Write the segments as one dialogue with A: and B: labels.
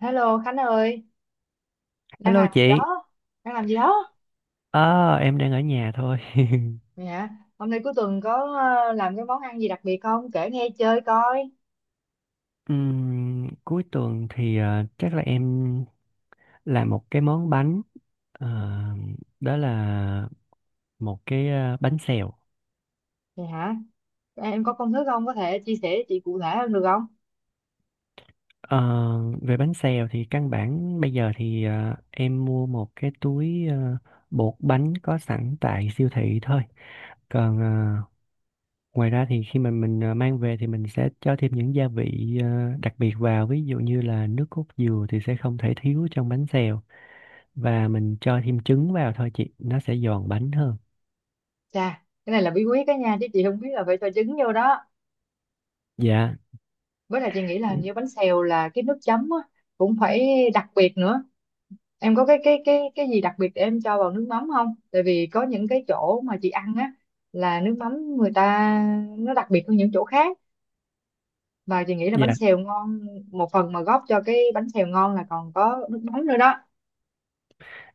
A: Hello Khánh ơi, đang
B: Hello
A: làm gì
B: chị,
A: đó? Đang làm gì đó?
B: em đang ở nhà thôi.
A: Vậy hả? Hôm nay cuối tuần có làm cái món ăn gì đặc biệt không? Kể nghe chơi coi.
B: Cuối tuần thì chắc là em làm một cái món bánh, Ờ, đó là một cái bánh xèo.
A: Vậy hả? Em có công thức không? Có thể chia sẻ chị cụ thể hơn được không?
B: Ờ, Về bánh xèo thì căn bản bây giờ thì em mua một cái túi bột bánh có sẵn tại siêu thị thôi. Còn ngoài ra thì khi mà mình mang về thì mình sẽ cho thêm những gia vị đặc biệt vào, ví dụ như là nước cốt dừa thì sẽ không thể thiếu trong bánh xèo. Và mình cho thêm trứng vào thôi chị, nó sẽ giòn bánh hơn.
A: Chà, cái này là bí quyết đó nha, chứ chị không biết là phải cho trứng vô đó.
B: Dạ.
A: Với lại chị nghĩ là hình như bánh xèo là cái nước chấm á, cũng phải đặc biệt nữa. Em có cái gì đặc biệt để em cho vào nước mắm không? Tại vì có những cái chỗ mà chị ăn á là nước mắm người ta nó đặc biệt hơn những chỗ khác, và chị nghĩ là bánh
B: Dạ.
A: xèo ngon một phần mà góp cho cái bánh xèo ngon là còn có nước mắm nữa đó.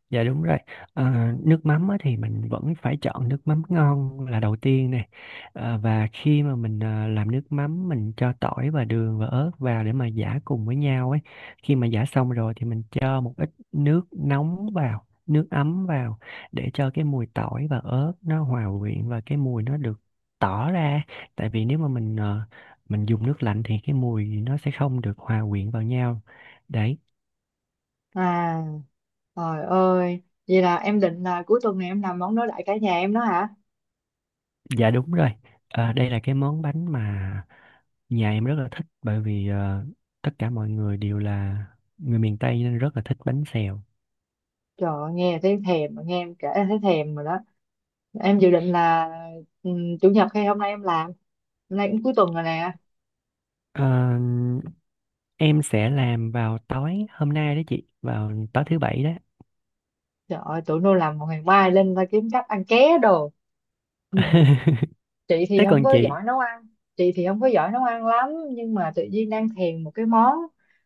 B: Dạ đúng rồi. Ờ, Nước mắm á, thì mình vẫn phải chọn nước mắm ngon là đầu tiên này. Ờ, và khi mà mình làm nước mắm mình cho tỏi và đường và ớt vào để mà giã cùng với nhau ấy. Khi mà giã xong rồi thì mình cho một ít nước nóng vào, nước ấm vào để cho cái mùi tỏi và ớt nó hòa quyện và cái mùi nó được tỏ ra. Tại vì nếu mà mình mình dùng nước lạnh thì cái mùi nó sẽ không được hòa quyện vào nhau. Đấy.
A: à Trời ơi, vậy là em định là cuối tuần này em làm món đối lại cả nhà em đó hả?
B: Dạ đúng rồi. Đây là cái món bánh mà nhà em rất là thích, bởi vì tất cả mọi người đều là người miền Tây nên rất là thích bánh xèo.
A: Trời ơi, nghe thấy thèm, nghe em kể thấy thèm rồi đó. Em dự định là chủ nhật hay hôm nay em làm? Hôm nay cũng cuối tuần rồi nè.
B: Ờ, em sẽ làm vào tối hôm nay đó chị, vào tối thứ bảy đó.
A: Trời ơi, tụi nó làm một ngày mai lên ta kiếm cách ăn ké đồ. Chị thì
B: Thế
A: không
B: còn
A: có
B: chị?
A: giỏi nấu ăn. Chị thì không có giỏi nấu ăn lắm, nhưng mà tự nhiên đang thèm một cái món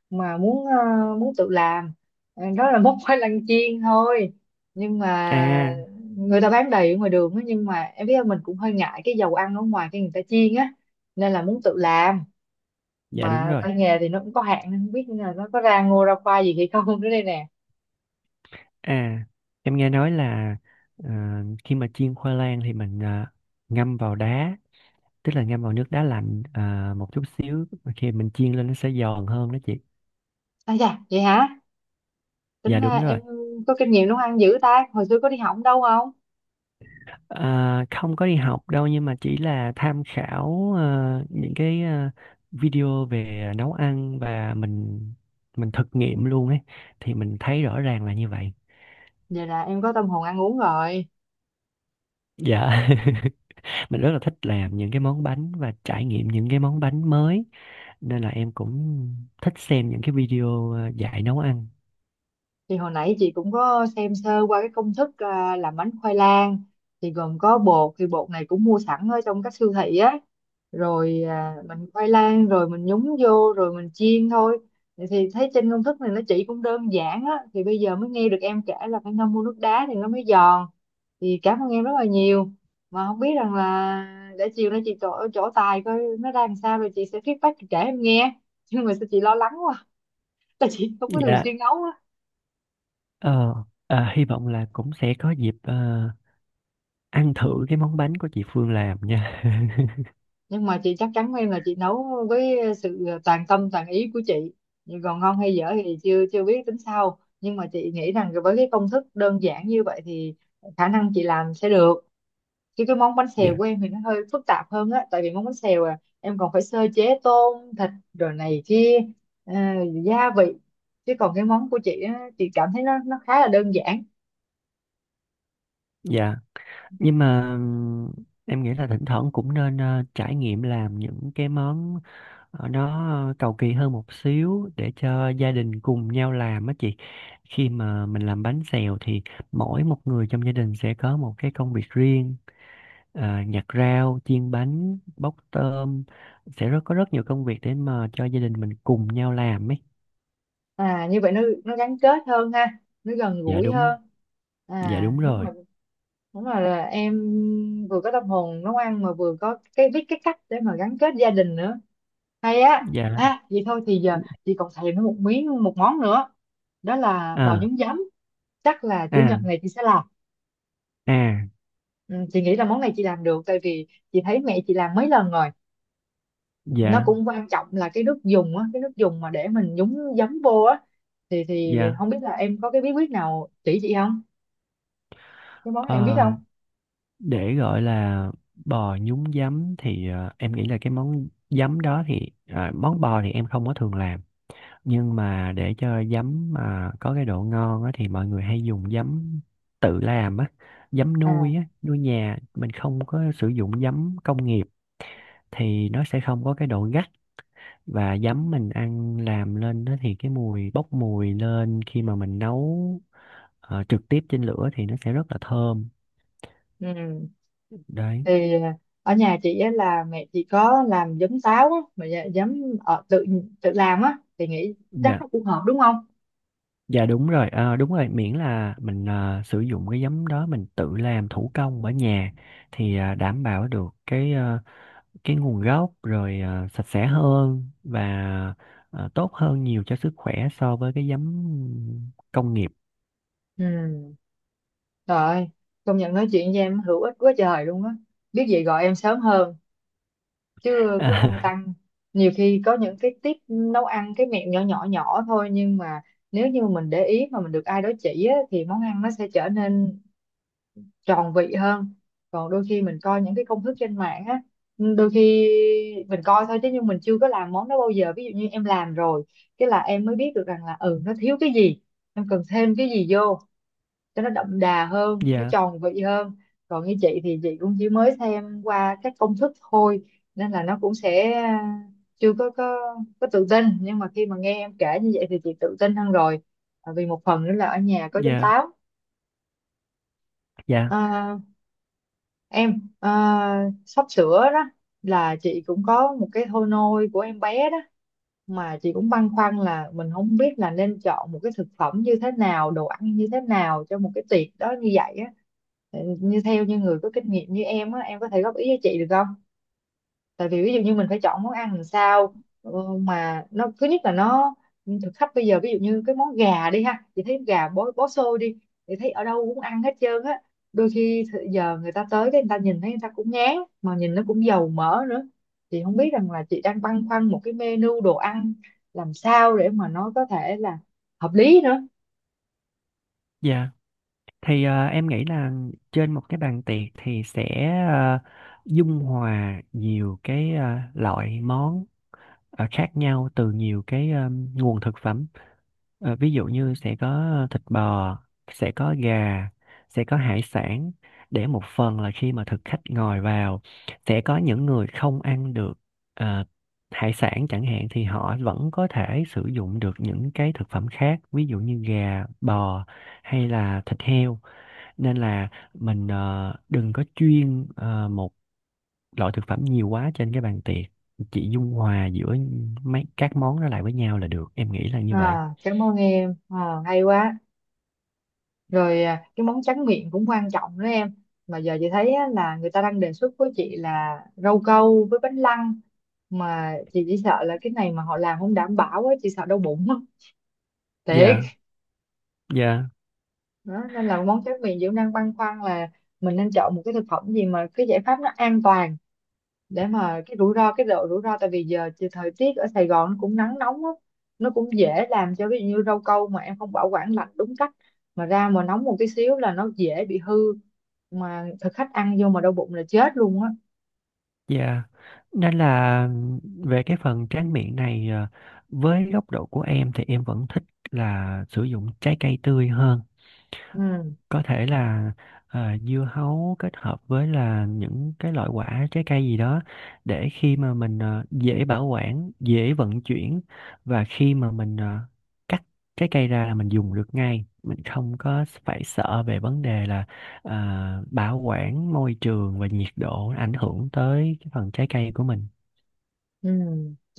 A: mà muốn tự làm. Đó là món khoai lang chiên thôi, nhưng mà
B: À,
A: người ta bán đầy ở ngoài đường á, nhưng mà em biết không, mình cũng hơi ngại cái dầu ăn ở ngoài cái người ta chiên á, nên là muốn tự làm,
B: dạ đúng
A: mà
B: rồi.
A: tay nghề thì nó cũng có hạn nên không biết là nó có ra ngô ra khoai gì hay không nữa đây nè.
B: À, em nghe nói là ờ, khi mà chiên khoai lang thì mình ngâm vào đá, tức là ngâm vào nước đá lạnh một chút xíu, khi mình chiên lên nó sẽ giòn hơn đó chị.
A: Dạ vậy hả? Tính
B: Dạ
A: ra
B: đúng rồi.
A: em có kinh nghiệm nấu ăn dữ ta, hồi xưa có đi học đâu không?
B: À, không có đi học đâu, nhưng mà chỉ là tham khảo những cái video về nấu ăn và mình thực nghiệm luôn ấy, thì mình thấy rõ ràng là như vậy.
A: Vậy là em có tâm hồn ăn uống rồi.
B: Dạ. Mình rất là thích làm những cái món bánh và trải nghiệm những cái món bánh mới, nên là em cũng thích xem những cái video dạy nấu ăn.
A: Thì hồi nãy chị cũng có xem sơ qua cái công thức làm bánh khoai lang, thì gồm có bột, thì bột này cũng mua sẵn ở trong các siêu thị á, rồi mình khoai lang rồi mình nhúng vô rồi mình chiên thôi, thì thấy trên công thức này nó chỉ cũng đơn giản á, thì bây giờ mới nghe được em kể là phải ngâm mua nước đá thì nó mới giòn, thì cảm ơn em rất là nhiều, mà không biết rằng là để chiều nay chị chỗ chỗ tài coi nó ra làm sao rồi chị sẽ feedback, chị kể em nghe. Nhưng mà sao chị lo lắng quá, tại chị không có thường
B: Dạ.
A: xuyên nấu.
B: Ờ, Hy vọng là cũng sẽ có dịp ăn thử cái món bánh của chị Phương làm nha.
A: Nhưng mà chị chắc chắn với em là chị nấu với sự toàn tâm toàn ý của chị, nhưng còn ngon hay dở thì chưa chưa biết, tính sau, nhưng mà chị nghĩ rằng với cái công thức đơn giản như vậy thì khả năng chị làm sẽ được, chứ cái món bánh xèo
B: Dạ.
A: của em thì nó hơi phức tạp hơn á, tại vì món bánh xèo em còn phải sơ chế tôm thịt rồi này kia, ờ, gia vị, chứ còn cái món của chị á, chị cảm thấy nó khá là đơn giản.
B: Dạ. Nhưng mà em nghĩ là thỉnh thoảng cũng nên trải nghiệm làm những cái món nó cầu kỳ hơn một xíu để cho gia đình cùng nhau làm á chị. Khi mà mình làm bánh xèo thì mỗi một người trong gia đình sẽ có một cái công việc riêng, nhặt rau, chiên bánh, bóc tôm, sẽ có rất nhiều công việc để mà cho gia đình mình cùng nhau làm ấy.
A: Như vậy nó gắn kết hơn ha, nó gần
B: Dạ
A: gũi
B: đúng.
A: hơn.
B: Dạ đúng
A: Đúng
B: rồi.
A: rồi. Đúng rồi, là em vừa có tâm hồn nấu ăn mà vừa có cái biết cái cách để mà gắn kết gia đình nữa, hay á.
B: Dạ.
A: Vậy thôi thì giờ chị còn thèm nó một miếng, một món nữa, đó là bò
B: À.
A: nhúng giấm. Chắc là chủ nhật
B: À.
A: này chị sẽ làm.
B: À.
A: Ừ, chị nghĩ là món này chị làm được, tại vì chị thấy mẹ chị làm mấy lần rồi. Nó
B: Dạ.
A: cũng quan trọng là cái nước dùng á, cái nước dùng mà để mình nhúng giấm vô á, thì
B: Dạ.
A: không biết là em có cái bí quyết nào chỉ chị không, cái món này em biết
B: Ờ,
A: không?
B: để gọi là bò nhúng giấm thì em nghĩ là cái món giấm đó thì món bò thì em không có thường làm, nhưng mà để cho giấm mà có cái độ ngon á, thì mọi người hay dùng giấm tự làm á, giấm nuôi
A: À.
B: á, nuôi nhà mình, không có sử dụng giấm công nghiệp thì nó sẽ không có cái độ gắt. Và giấm mình ăn làm lên đó thì cái mùi bốc mùi lên khi mà mình nấu trực tiếp trên lửa thì nó sẽ rất là thơm.
A: Ừ.
B: Đấy.
A: Thì ở nhà chị á là mẹ chị có làm giấm táo á, mà giấm tự tự làm á, thì nghĩ chắc
B: Dạ.
A: nó cũng hợp đúng không?
B: Dạ đúng rồi, đúng rồi, miễn là mình sử dụng cái giấm đó mình tự làm thủ công ở nhà thì đảm bảo được cái cái nguồn gốc rồi, sạch sẽ hơn và tốt hơn nhiều cho sức khỏe so với cái giấm công nghiệp.
A: Ừ. Trời ơi, công nhận nói chuyện với em hữu ích quá trời luôn á, biết gì gọi em sớm hơn chứ cứ lăn tăn. Nhiều khi có những cái tip nấu ăn, cái mẹo nhỏ nhỏ nhỏ thôi, nhưng mà nếu như mình để ý mà mình được ai đó chỉ á, thì món ăn nó sẽ trở nên tròn vị hơn. Còn đôi khi mình coi những cái công thức trên mạng á, ừ, đôi khi mình coi thôi chứ, nhưng mình chưa có làm món đó bao giờ, ví dụ như em làm rồi cái là em mới biết được rằng là ừ, nó thiếu cái gì, em cần thêm cái gì vô cho nó đậm đà hơn, nó
B: Dạ.
A: tròn vị hơn. Còn như chị thì chị cũng chỉ mới xem qua các công thức thôi, nên là nó cũng sẽ chưa có tự tin, nhưng mà khi mà nghe em kể như vậy thì chị tự tin hơn rồi. À, vì một phần nữa là ở nhà có giấm
B: Dạ.
A: táo.
B: Dạ.
A: À, em sắp sửa đó, là chị cũng có một cái thôi nôi của em bé đó, mà chị cũng băn khoăn là mình không biết là nên chọn một cái thực phẩm như thế nào, đồ ăn như thế nào cho một cái tiệc đó như vậy á. Ừ, như theo như người có kinh nghiệm như em á, em có thể góp ý cho chị được, tại vì ví dụ như mình phải chọn món ăn làm sao, ờ, mà nó thứ nhất là nó, thực khách bây giờ, ví dụ như cái món gà đi ha, chị thấy gà bó bó xôi đi, chị thấy ở đâu cũng ăn hết trơn á, đôi khi giờ người ta tới cái người ta nhìn thấy người ta cũng ngán, mà nhìn nó cũng dầu mỡ nữa. Chị không biết rằng là chị đang băn khoăn một cái menu đồ ăn làm sao để mà nó có thể là hợp lý nữa.
B: Dạ. Thì em nghĩ là trên một cái bàn tiệc thì sẽ ờ, dung hòa nhiều cái loại món khác nhau từ nhiều cái nguồn thực phẩm. Ví dụ như sẽ có thịt bò, sẽ có gà, sẽ có hải sản, để một phần là khi mà thực khách ngồi vào sẽ có những người không ăn được ờ, hải sản chẳng hạn, thì họ vẫn có thể sử dụng được những cái thực phẩm khác, ví dụ như gà, bò hay là thịt heo. Nên là mình đừng có chuyên một loại thực phẩm nhiều quá trên cái bàn tiệc, chị dung hòa giữa mấy các món đó lại với nhau là được, em nghĩ là như vậy.
A: À, cảm ơn em, à, hay quá. Rồi cái món tráng miệng cũng quan trọng đó em, mà giờ chị thấy á, là người ta đang đề xuất với chị là rau câu với bánh lăng, mà chị chỉ sợ là cái này mà họ làm không đảm bảo á, chị sợ đau bụng á thiệt.
B: Dạ. Dạ.
A: Đó, nên là món tráng miệng chị cũng đang băn khoăn là mình nên chọn một cái thực phẩm gì mà cái giải pháp nó an toàn, để mà cái rủi ro, cái độ rủi ro, tại vì giờ thì thời tiết ở Sài Gòn nó cũng nắng nóng á, nó cũng dễ làm cho, ví dụ như rau câu mà em không bảo quản lạnh đúng cách mà ra mà nóng một tí xíu là nó dễ bị hư, mà thực khách ăn vô mà đau bụng là chết luôn á.
B: Dạ. Nên là về cái phần tráng miệng này với góc độ của em thì em vẫn thích là sử dụng trái cây tươi hơn.
A: Ừ.
B: Có thể là dưa hấu kết hợp với là những cái loại quả trái cây gì đó, để khi mà mình dễ bảo quản, dễ vận chuyển, và khi mà mình cắt trái cây ra là mình dùng được ngay, mình không có phải sợ về vấn đề là bảo quản môi trường và nhiệt độ ảnh hưởng tới cái phần trái cây của mình.
A: Ừ,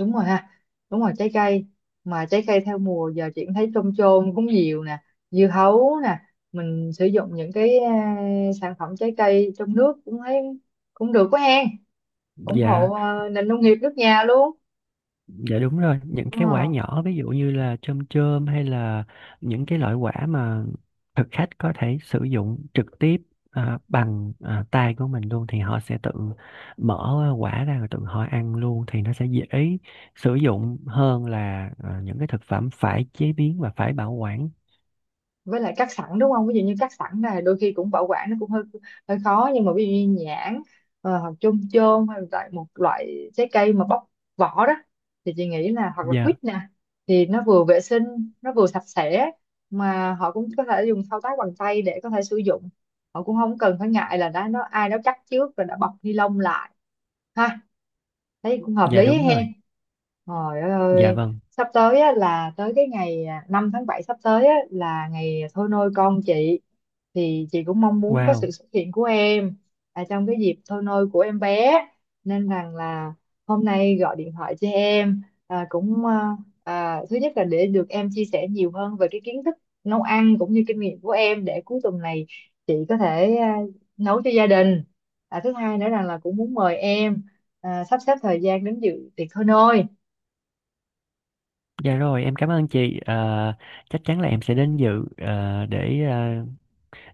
A: đúng rồi ha, đúng rồi, trái cây, mà trái cây theo mùa giờ chị cũng thấy trôm trôm cũng nhiều nè, dưa hấu nè, mình sử dụng những cái sản phẩm trái cây trong nước cũng thấy cũng được quá hen, ủng hộ
B: Dạ.
A: nền nông nghiệp nước nhà luôn.
B: Dạ đúng rồi, những cái quả
A: Ờ,
B: nhỏ ví dụ như là chôm chôm hay là những cái loại quả mà thực khách có thể sử dụng trực tiếp bằng tay của mình luôn, thì họ sẽ tự mở quả ra rồi tự họ ăn luôn, thì nó sẽ dễ sử dụng hơn là những cái thực phẩm phải chế biến và phải bảo quản.
A: với lại cắt sẵn đúng không? Ví dụ như cắt sẵn này đôi khi cũng bảo quản nó cũng hơi hơi khó, nhưng mà ví dụ như nhãn, hoặc chôm chôm hay là một loại trái cây mà bóc vỏ đó, thì chị nghĩ là hoặc là
B: Dạ,
A: quýt nè, thì nó vừa vệ sinh nó vừa sạch sẽ, mà họ cũng có thể dùng thao tác bằng tay để có thể sử dụng, họ cũng không cần phải ngại là đã nó ai đó cắt trước rồi đã bọc ni lông lại ha, thấy cũng hợp
B: dạ
A: lý ấy
B: đúng rồi.
A: hen. Trời ơi,
B: Dạ
A: ơi,
B: vâng.
A: sắp tới á, là tới cái ngày 5 tháng 7 sắp tới á, là ngày thôi nôi con chị, thì chị cũng mong muốn có sự
B: Wow.
A: xuất hiện của em trong cái dịp thôi nôi của em bé, nên rằng là hôm nay gọi điện thoại cho em cũng thứ nhất là để được em chia sẻ nhiều hơn về cái kiến thức nấu ăn cũng như kinh nghiệm của em để cuối tuần này chị có thể nấu cho gia đình, thứ hai nữa rằng là cũng muốn mời em sắp xếp thời gian đến dự tiệc thôi nôi.
B: Dạ rồi, em cảm ơn chị. Ờ, Chắc chắn là em sẽ đến dự ờ, để ờ,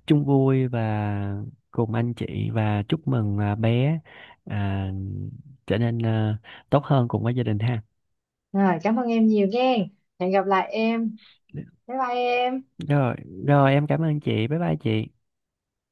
B: chung vui và cùng anh chị và chúc mừng bé à, trở nên tốt hơn cùng với gia đình ha.
A: Rồi, cảm ơn em nhiều nghe. Hẹn gặp lại em. Bye bye em.
B: Rồi, em cảm ơn chị. Bye bye chị.